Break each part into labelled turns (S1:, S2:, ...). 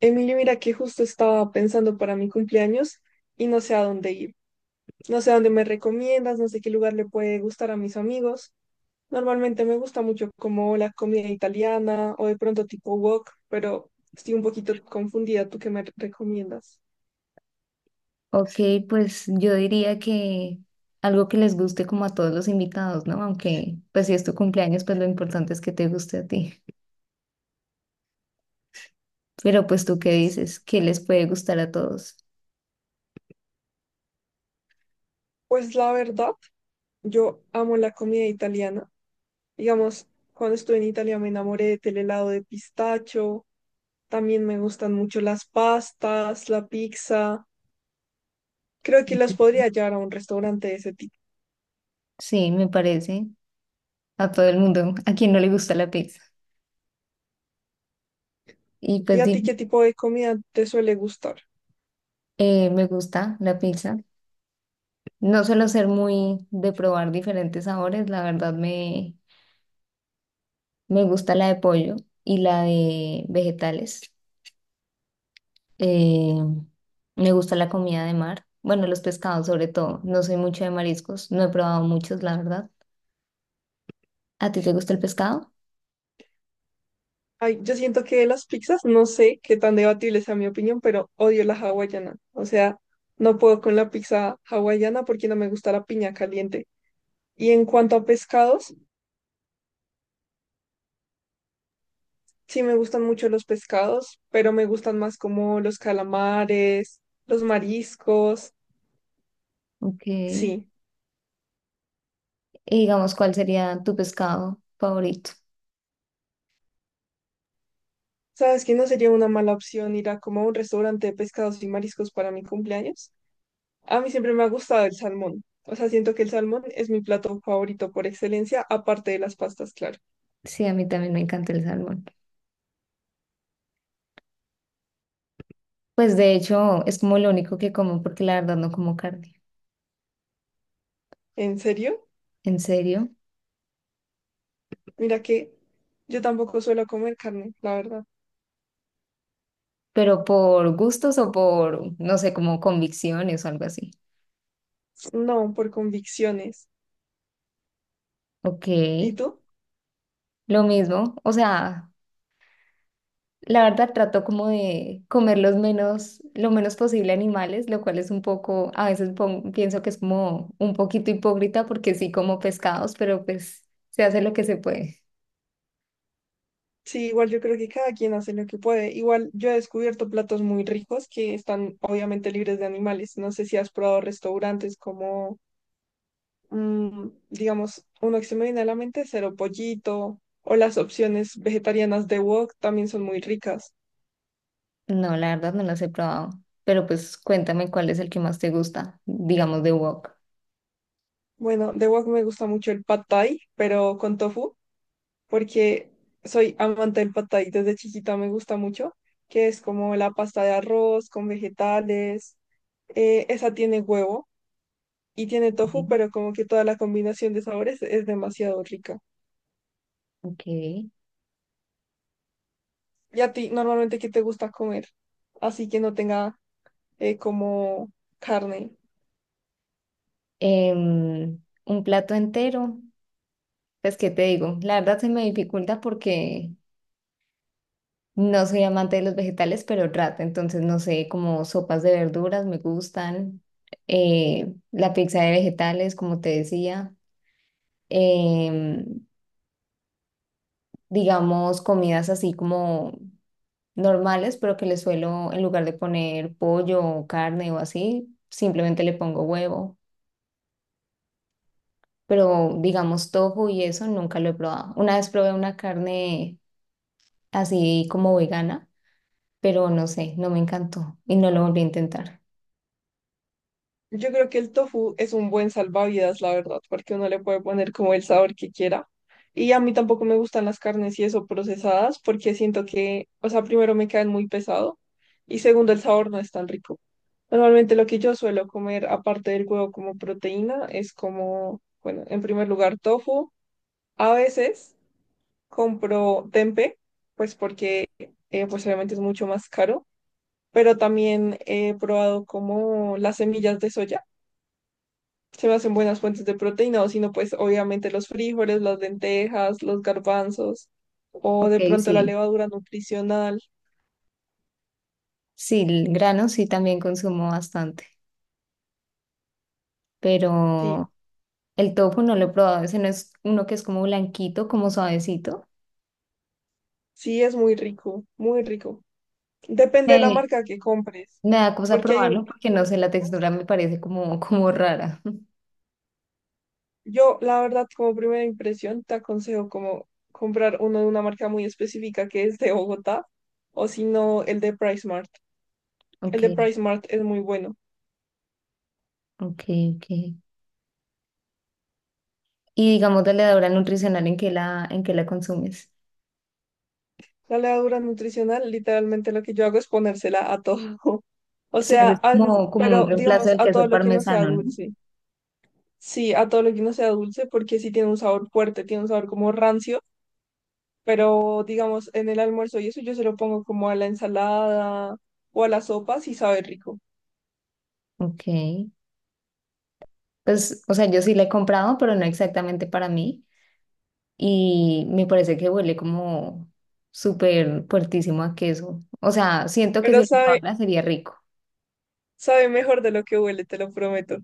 S1: Emilio, mira que justo estaba pensando para mi cumpleaños y no sé a dónde ir. No sé a dónde me recomiendas, no sé qué lugar le puede gustar a mis amigos. Normalmente me gusta mucho como la comida italiana o de pronto tipo wok, pero estoy un poquito confundida. ¿Tú qué me recomiendas?
S2: Ok, pues yo diría que algo que les guste como a todos los invitados, ¿no? Aunque pues si es tu cumpleaños, pues lo importante es que te guste a ti. Pero pues tú qué dices, ¿qué les puede gustar a todos?
S1: Pues la verdad, yo amo la comida italiana. Digamos, cuando estuve en Italia me enamoré del helado de pistacho. También me gustan mucho las pastas, la pizza. Creo que las podría llevar a un restaurante de ese tipo.
S2: Sí, me parece a todo el mundo, a quien no le gusta la pizza. Y
S1: ¿Y
S2: pues
S1: a ti
S2: dime,
S1: qué tipo de comida te suele gustar?
S2: me gusta la pizza. No suelo ser muy de probar diferentes sabores, la verdad me gusta la de pollo y la de vegetales. Eh, me gusta la comida de mar, bueno, los pescados sobre todo. No soy mucho de mariscos, no he probado muchos, la verdad. ¿A ti te gusta el pescado?
S1: Ay, yo siento que de las pizzas, no sé qué tan debatible sea mi opinión, pero odio la hawaiana. O sea, no puedo con la pizza hawaiana porque no me gusta la piña caliente. Y en cuanto a pescados, sí me gustan mucho los pescados, pero me gustan más como los calamares, los mariscos.
S2: Ok. Y
S1: Sí.
S2: digamos, ¿cuál sería tu pescado favorito?
S1: ¿Sabes que no sería una mala opción ir a como a un restaurante de pescados y mariscos para mi cumpleaños? A mí siempre me ha gustado el salmón. O sea, siento que el salmón es mi plato favorito por excelencia, aparte de las pastas, claro.
S2: Sí, a mí también me encanta el salmón. Pues de hecho es como lo único que como porque la verdad no como carne.
S1: ¿En serio?
S2: ¿En serio?
S1: Mira que yo tampoco suelo comer carne, la verdad.
S2: Pero por gustos o por, no sé, como convicciones o algo así.
S1: No, por convicciones.
S2: Ok,
S1: ¿Y tú?
S2: lo mismo. O sea, la verdad trato como de comer los menos, lo menos posible animales, lo cual es un poco, a veces pienso que es como un poquito hipócrita porque sí como pescados, pero pues se hace lo que se puede.
S1: Sí, igual yo creo que cada quien hace lo que puede. Igual yo he descubierto platos muy ricos que están obviamente libres de animales. No sé si has probado restaurantes como, digamos, uno que se me viene a la mente, Cero Pollito, o las opciones vegetarianas de Wok también son muy ricas.
S2: No, la verdad no los he probado, pero pues cuéntame cuál es el que más te gusta, digamos de wok.
S1: Bueno, de wok me gusta mucho el pad thai, pero con tofu, porque soy amante del pad thai desde chiquita, me gusta mucho, que es como la pasta de arroz con vegetales. Esa tiene huevo y tiene tofu,
S2: Ujú.
S1: pero como que toda la combinación de sabores es demasiado rica.
S2: Ok.
S1: ¿Y a ti normalmente qué te gusta comer? Así que no tenga como carne.
S2: Un plato entero. Pues, ¿qué te digo? La verdad se me dificulta porque no soy amante de los vegetales, pero trato. Entonces, no sé, como sopas de verduras me gustan, la pizza de vegetales, como te decía, em, digamos, comidas así como normales, pero que le suelo, en lugar de poner pollo o carne o así, simplemente le pongo huevo. Pero, digamos, tofu y eso nunca lo he probado. Una vez probé una carne así como vegana, pero no sé, no me encantó y no lo volví a intentar.
S1: Yo creo que el tofu es un buen salvavidas, la verdad, porque uno le puede poner como el sabor que quiera. Y a mí tampoco me gustan las carnes y eso procesadas, porque siento que, o sea, primero me caen muy pesado y segundo el sabor no es tan rico. Normalmente lo que yo suelo comer, aparte del huevo como proteína, es como, bueno, en primer lugar tofu. A veces compro tempe, pues porque pues obviamente es mucho más caro, pero también he probado como las semillas de soya se me hacen buenas fuentes de proteína, o si no, pues obviamente los frijoles, las lentejas, los garbanzos, o
S2: Ok,
S1: de pronto la
S2: sí,
S1: levadura nutricional.
S2: sí, el grano sí también consumo bastante,
S1: Sí,
S2: pero el tofu no lo he probado, ese no es uno que es como blanquito, como suavecito.
S1: sí es muy rico, muy rico. Depende de la
S2: Eh,
S1: marca que compres,
S2: me da cosa
S1: porque
S2: probarlo porque no
S1: algunas
S2: sé, la
S1: marcas.
S2: textura me parece como, como rara.
S1: Yo, la verdad, como primera impresión, te aconsejo como comprar uno de una marca muy específica que es de Bogotá, o si no, el de PriceMart. El
S2: Ok,
S1: de PriceMart es muy bueno.
S2: ok, ok. Y digamos de la levadura nutricional en que la consumes.
S1: La levadura nutricional, literalmente lo que yo hago es ponérsela a todo. O
S2: Sí,
S1: sea,
S2: eso es como, como un
S1: pero
S2: reemplazo
S1: digamos,
S2: del
S1: a todo
S2: queso
S1: lo que no sea
S2: parmesano, ¿no?
S1: dulce. Sí, a todo lo que no sea dulce, porque sí tiene un sabor fuerte, tiene un sabor como rancio, pero digamos, en el almuerzo y eso yo se lo pongo como a la ensalada o a la sopa, sí sabe rico.
S2: Ok. Pues, o sea, yo sí la he comprado, pero no exactamente para mí. Y me parece que huele como súper fuertísimo a queso. O sea, siento que si
S1: Pero
S2: lo
S1: sabe,
S2: probara sería rico.
S1: sabe mejor de lo que huele, te lo prometo.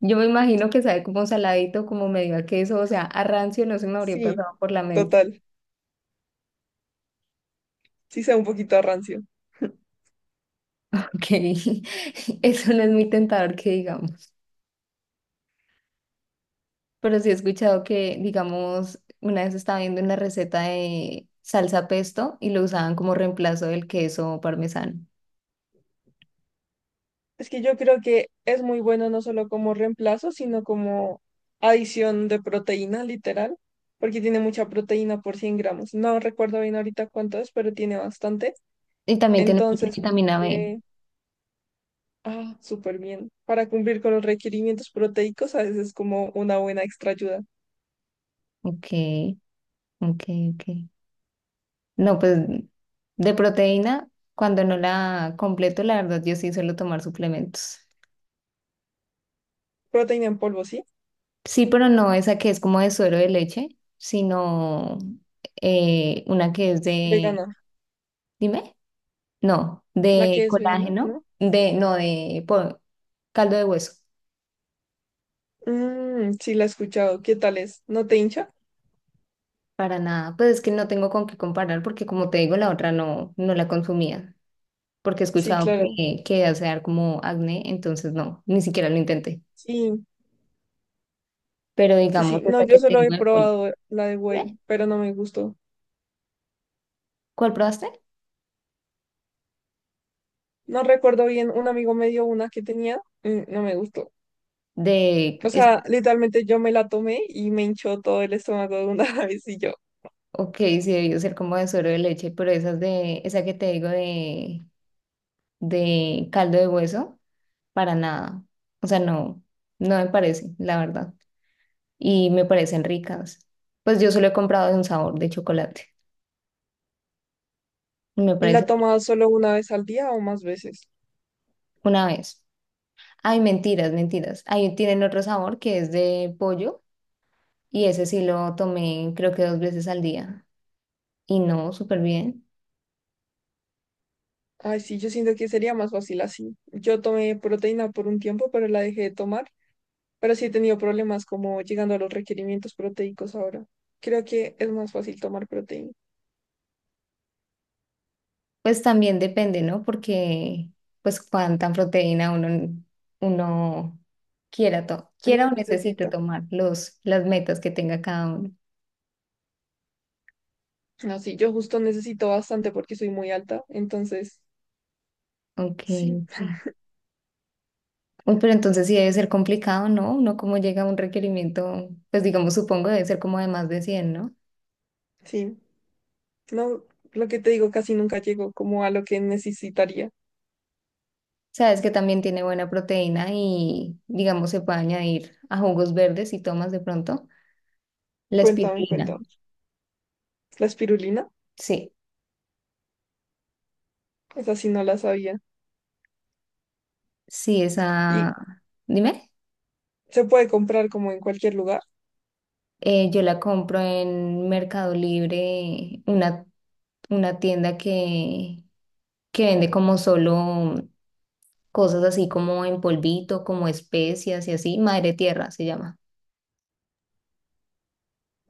S2: Yo me imagino que sabe como saladito, como medio a queso, o sea, a rancio no se me habría
S1: Sí,
S2: pasado por la mente,
S1: total. Sí sabe un poquito a rancio.
S2: porque eso no es muy tentador que digamos. Pero sí he escuchado que, digamos, una vez estaba viendo una receta de salsa pesto y lo usaban como reemplazo del queso parmesano.
S1: Es que yo creo que es muy bueno no solo como reemplazo, sino como adición de proteína, literal, porque tiene mucha proteína por 100 gramos. No recuerdo bien ahorita cuánto es, pero tiene bastante.
S2: Y también tiene mucha
S1: Entonces, como
S2: vitamina B.
S1: que, ah, súper bien. Para cumplir con los requerimientos proteicos, a veces es como una buena extra ayuda.
S2: Ok, ok, ok. No, pues de proteína, cuando no la completo, la verdad, yo sí suelo tomar suplementos.
S1: ¿Proteína en polvo, sí?
S2: Sí, pero no esa que es como de suero de leche, sino una que es de,
S1: Vegana.
S2: dime, no,
S1: La
S2: de
S1: que es vegana,
S2: colágeno,
S1: ¿no?
S2: de, no, caldo de hueso,
S1: Sí, la he escuchado. ¿Qué tal es? ¿No te hincha?
S2: para nada. Pues es que no tengo con qué comparar porque como te digo, la otra no, no la consumía, porque he
S1: Sí,
S2: escuchado
S1: claro.
S2: que hace dar como acné, entonces no, ni siquiera lo intenté.
S1: Sí,
S2: Pero
S1: sí,
S2: digamos,
S1: no,
S2: esa
S1: yo
S2: que te
S1: solo he
S2: digo, de polvo.
S1: probado la de Whey,
S2: ¿Eh?
S1: pero no me gustó.
S2: ¿Cuál probaste?
S1: No recuerdo bien, un amigo me dio una que tenía, no me gustó.
S2: De
S1: O
S2: esa,
S1: sea, literalmente yo me la tomé y me hinchó todo el estómago de una vez y yo.
S2: ok, sí debió ser como de suero de leche, pero esas de, esa que te digo de caldo de hueso, para nada. O sea, no, no me parece, la verdad. Y me parecen ricas. Pues yo solo he comprado de un sabor de chocolate. Y me
S1: ¿Y
S2: parece
S1: la tomaba solo una vez al día o más veces?
S2: una vez. Ay, mentiras, mentiras. Ahí tienen otro sabor que es de pollo y ese sí lo tomé creo que dos veces al día. Y no, súper bien.
S1: Ay, sí, yo siento que sería más fácil así. Yo tomé proteína por un tiempo, pero la dejé de tomar. Pero sí he tenido problemas como llegando a los requerimientos proteicos ahora. Creo que es más fácil tomar proteína.
S2: Pues también depende, ¿no? Porque, pues, cuánta proteína uno quiera,
S1: No
S2: quiera o necesite
S1: necesita.
S2: tomar los, las metas que tenga cada uno.
S1: No, sí, yo justo necesito bastante porque soy muy alta, entonces,
S2: Ok,
S1: sí,
S2: ok. Uy, pero entonces sí debe ser complicado, ¿no? Uno como llega a un requerimiento, pues digamos, supongo debe ser como de más de 100, ¿no?
S1: sí. No, lo que te digo, casi nunca llego como a lo que necesitaría.
S2: Sabes que también tiene buena proteína y, digamos, se puede añadir a jugos verdes y tomas de pronto la
S1: Cuéntame,
S2: espirulina.
S1: cuéntame. La espirulina,
S2: Sí,
S1: esa sí no la sabía.
S2: sí,
S1: Y
S2: esa... Dime.
S1: se puede comprar como en cualquier lugar.
S2: Yo la compro en Mercado Libre, una tienda que vende como solo cosas así como en polvito, como especias y así. Madre Tierra se llama.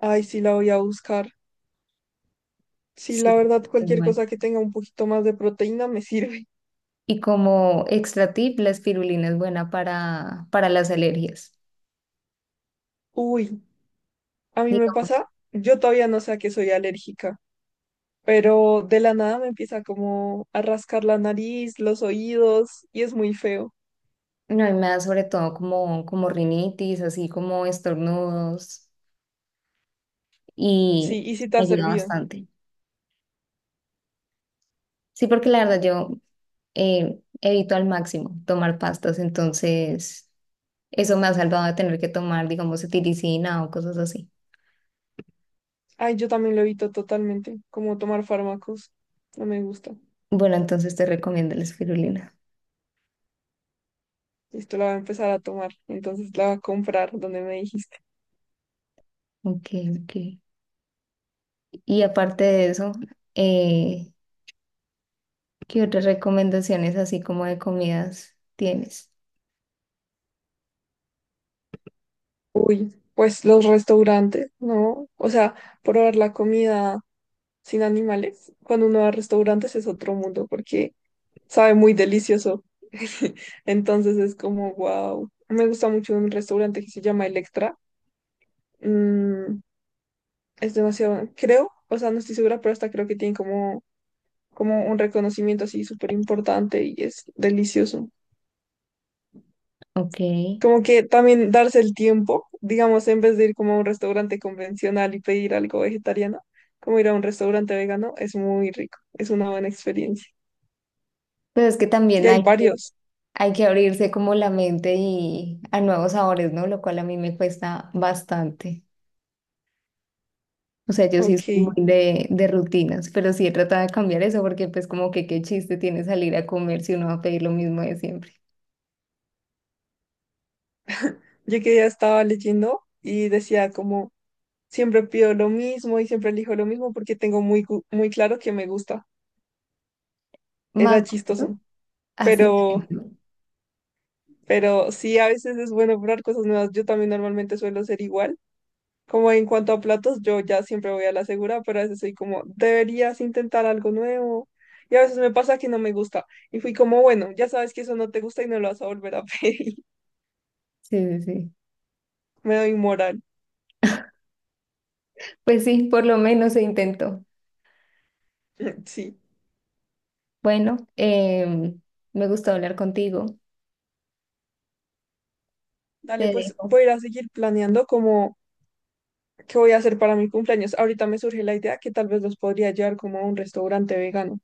S1: Ay, sí, la voy a buscar. Sí,
S2: Sí.
S1: la verdad,
S2: Es
S1: cualquier
S2: buena.
S1: cosa que tenga un poquito más de proteína me sirve.
S2: Y como extra tip, la espirulina es buena para las alergias,
S1: Uy, a mí me
S2: digamos.
S1: pasa, yo todavía no sé a qué soy alérgica. Pero de la nada me empieza como a rascar la nariz, los oídos, y es muy feo.
S2: No, y me da sobre todo como, como rinitis, así como estornudos, y
S1: Sí, y si te
S2: me
S1: ha
S2: ayuda
S1: servido.
S2: bastante. Sí, porque la verdad yo evito al máximo tomar pastas, entonces eso me ha salvado de tener que tomar, digamos, cetiricina o cosas así.
S1: Ay, yo también lo evito totalmente, como tomar fármacos. No me gusta.
S2: Bueno, entonces te recomiendo la espirulina.
S1: Esto la voy a empezar a tomar, entonces la voy a comprar donde me dijiste.
S2: Ok, ok. Y aparte de eso, eh, ¿qué otras recomendaciones así como de comidas tienes?
S1: Uy, pues los restaurantes, ¿no? O sea, probar la comida sin animales cuando uno va a restaurantes es otro mundo porque sabe muy delicioso. Entonces es como, wow. Me gusta mucho un restaurante que se llama Electra. Mm, es demasiado, creo, o sea, no estoy segura, pero hasta creo que tienen como un reconocimiento así súper importante y es delicioso.
S2: Ok.
S1: Como que también darse el tiempo, digamos, en vez de ir como a un restaurante convencional y pedir algo vegetariano, como ir a un restaurante vegano, es muy rico, es una buena experiencia.
S2: Pero es que
S1: Y
S2: también
S1: hay varios.
S2: hay que abrirse como la mente y a nuevos sabores, ¿no? Lo cual a mí me cuesta bastante. O sea, yo sí
S1: Ok,
S2: soy muy de rutinas, pero sí he tratado de cambiar eso porque pues como que qué chiste tiene salir a comer si uno va a pedir lo mismo de siempre.
S1: yo que ya estaba leyendo y decía como siempre pido lo mismo y siempre elijo lo mismo porque tengo muy claro que me gusta.
S2: Más
S1: Era
S2: o menos,
S1: chistoso,
S2: así.
S1: pero,
S2: Es.
S1: pero sí, a veces es bueno probar cosas nuevas. Yo también normalmente suelo ser igual. Como en cuanto a platos, yo ya siempre voy a la segura, pero a veces soy como, deberías intentar algo nuevo. Y a veces me pasa que no me gusta. Y fui como, bueno, ya sabes que eso no te gusta y no lo vas a volver a pedir.
S2: Sí, sí, sí.
S1: Me doy moral.
S2: Pues sí, por lo menos se intentó.
S1: Sí.
S2: Bueno, me gustó hablar contigo. Te
S1: Dale, pues
S2: dejo.
S1: voy a ir a seguir planeando como qué voy a hacer para mi cumpleaños. Ahorita me surge la idea que tal vez los podría llevar como a un restaurante vegano.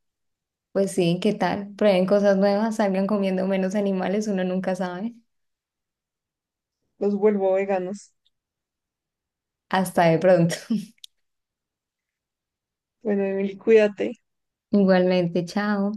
S2: Pues sí, ¿qué tal? Prueben cosas nuevas, salgan comiendo menos animales, uno nunca sabe.
S1: Los vuelvo veganos.
S2: Hasta de pronto.
S1: Bueno, Emily, cuídate.
S2: Igualmente, chao.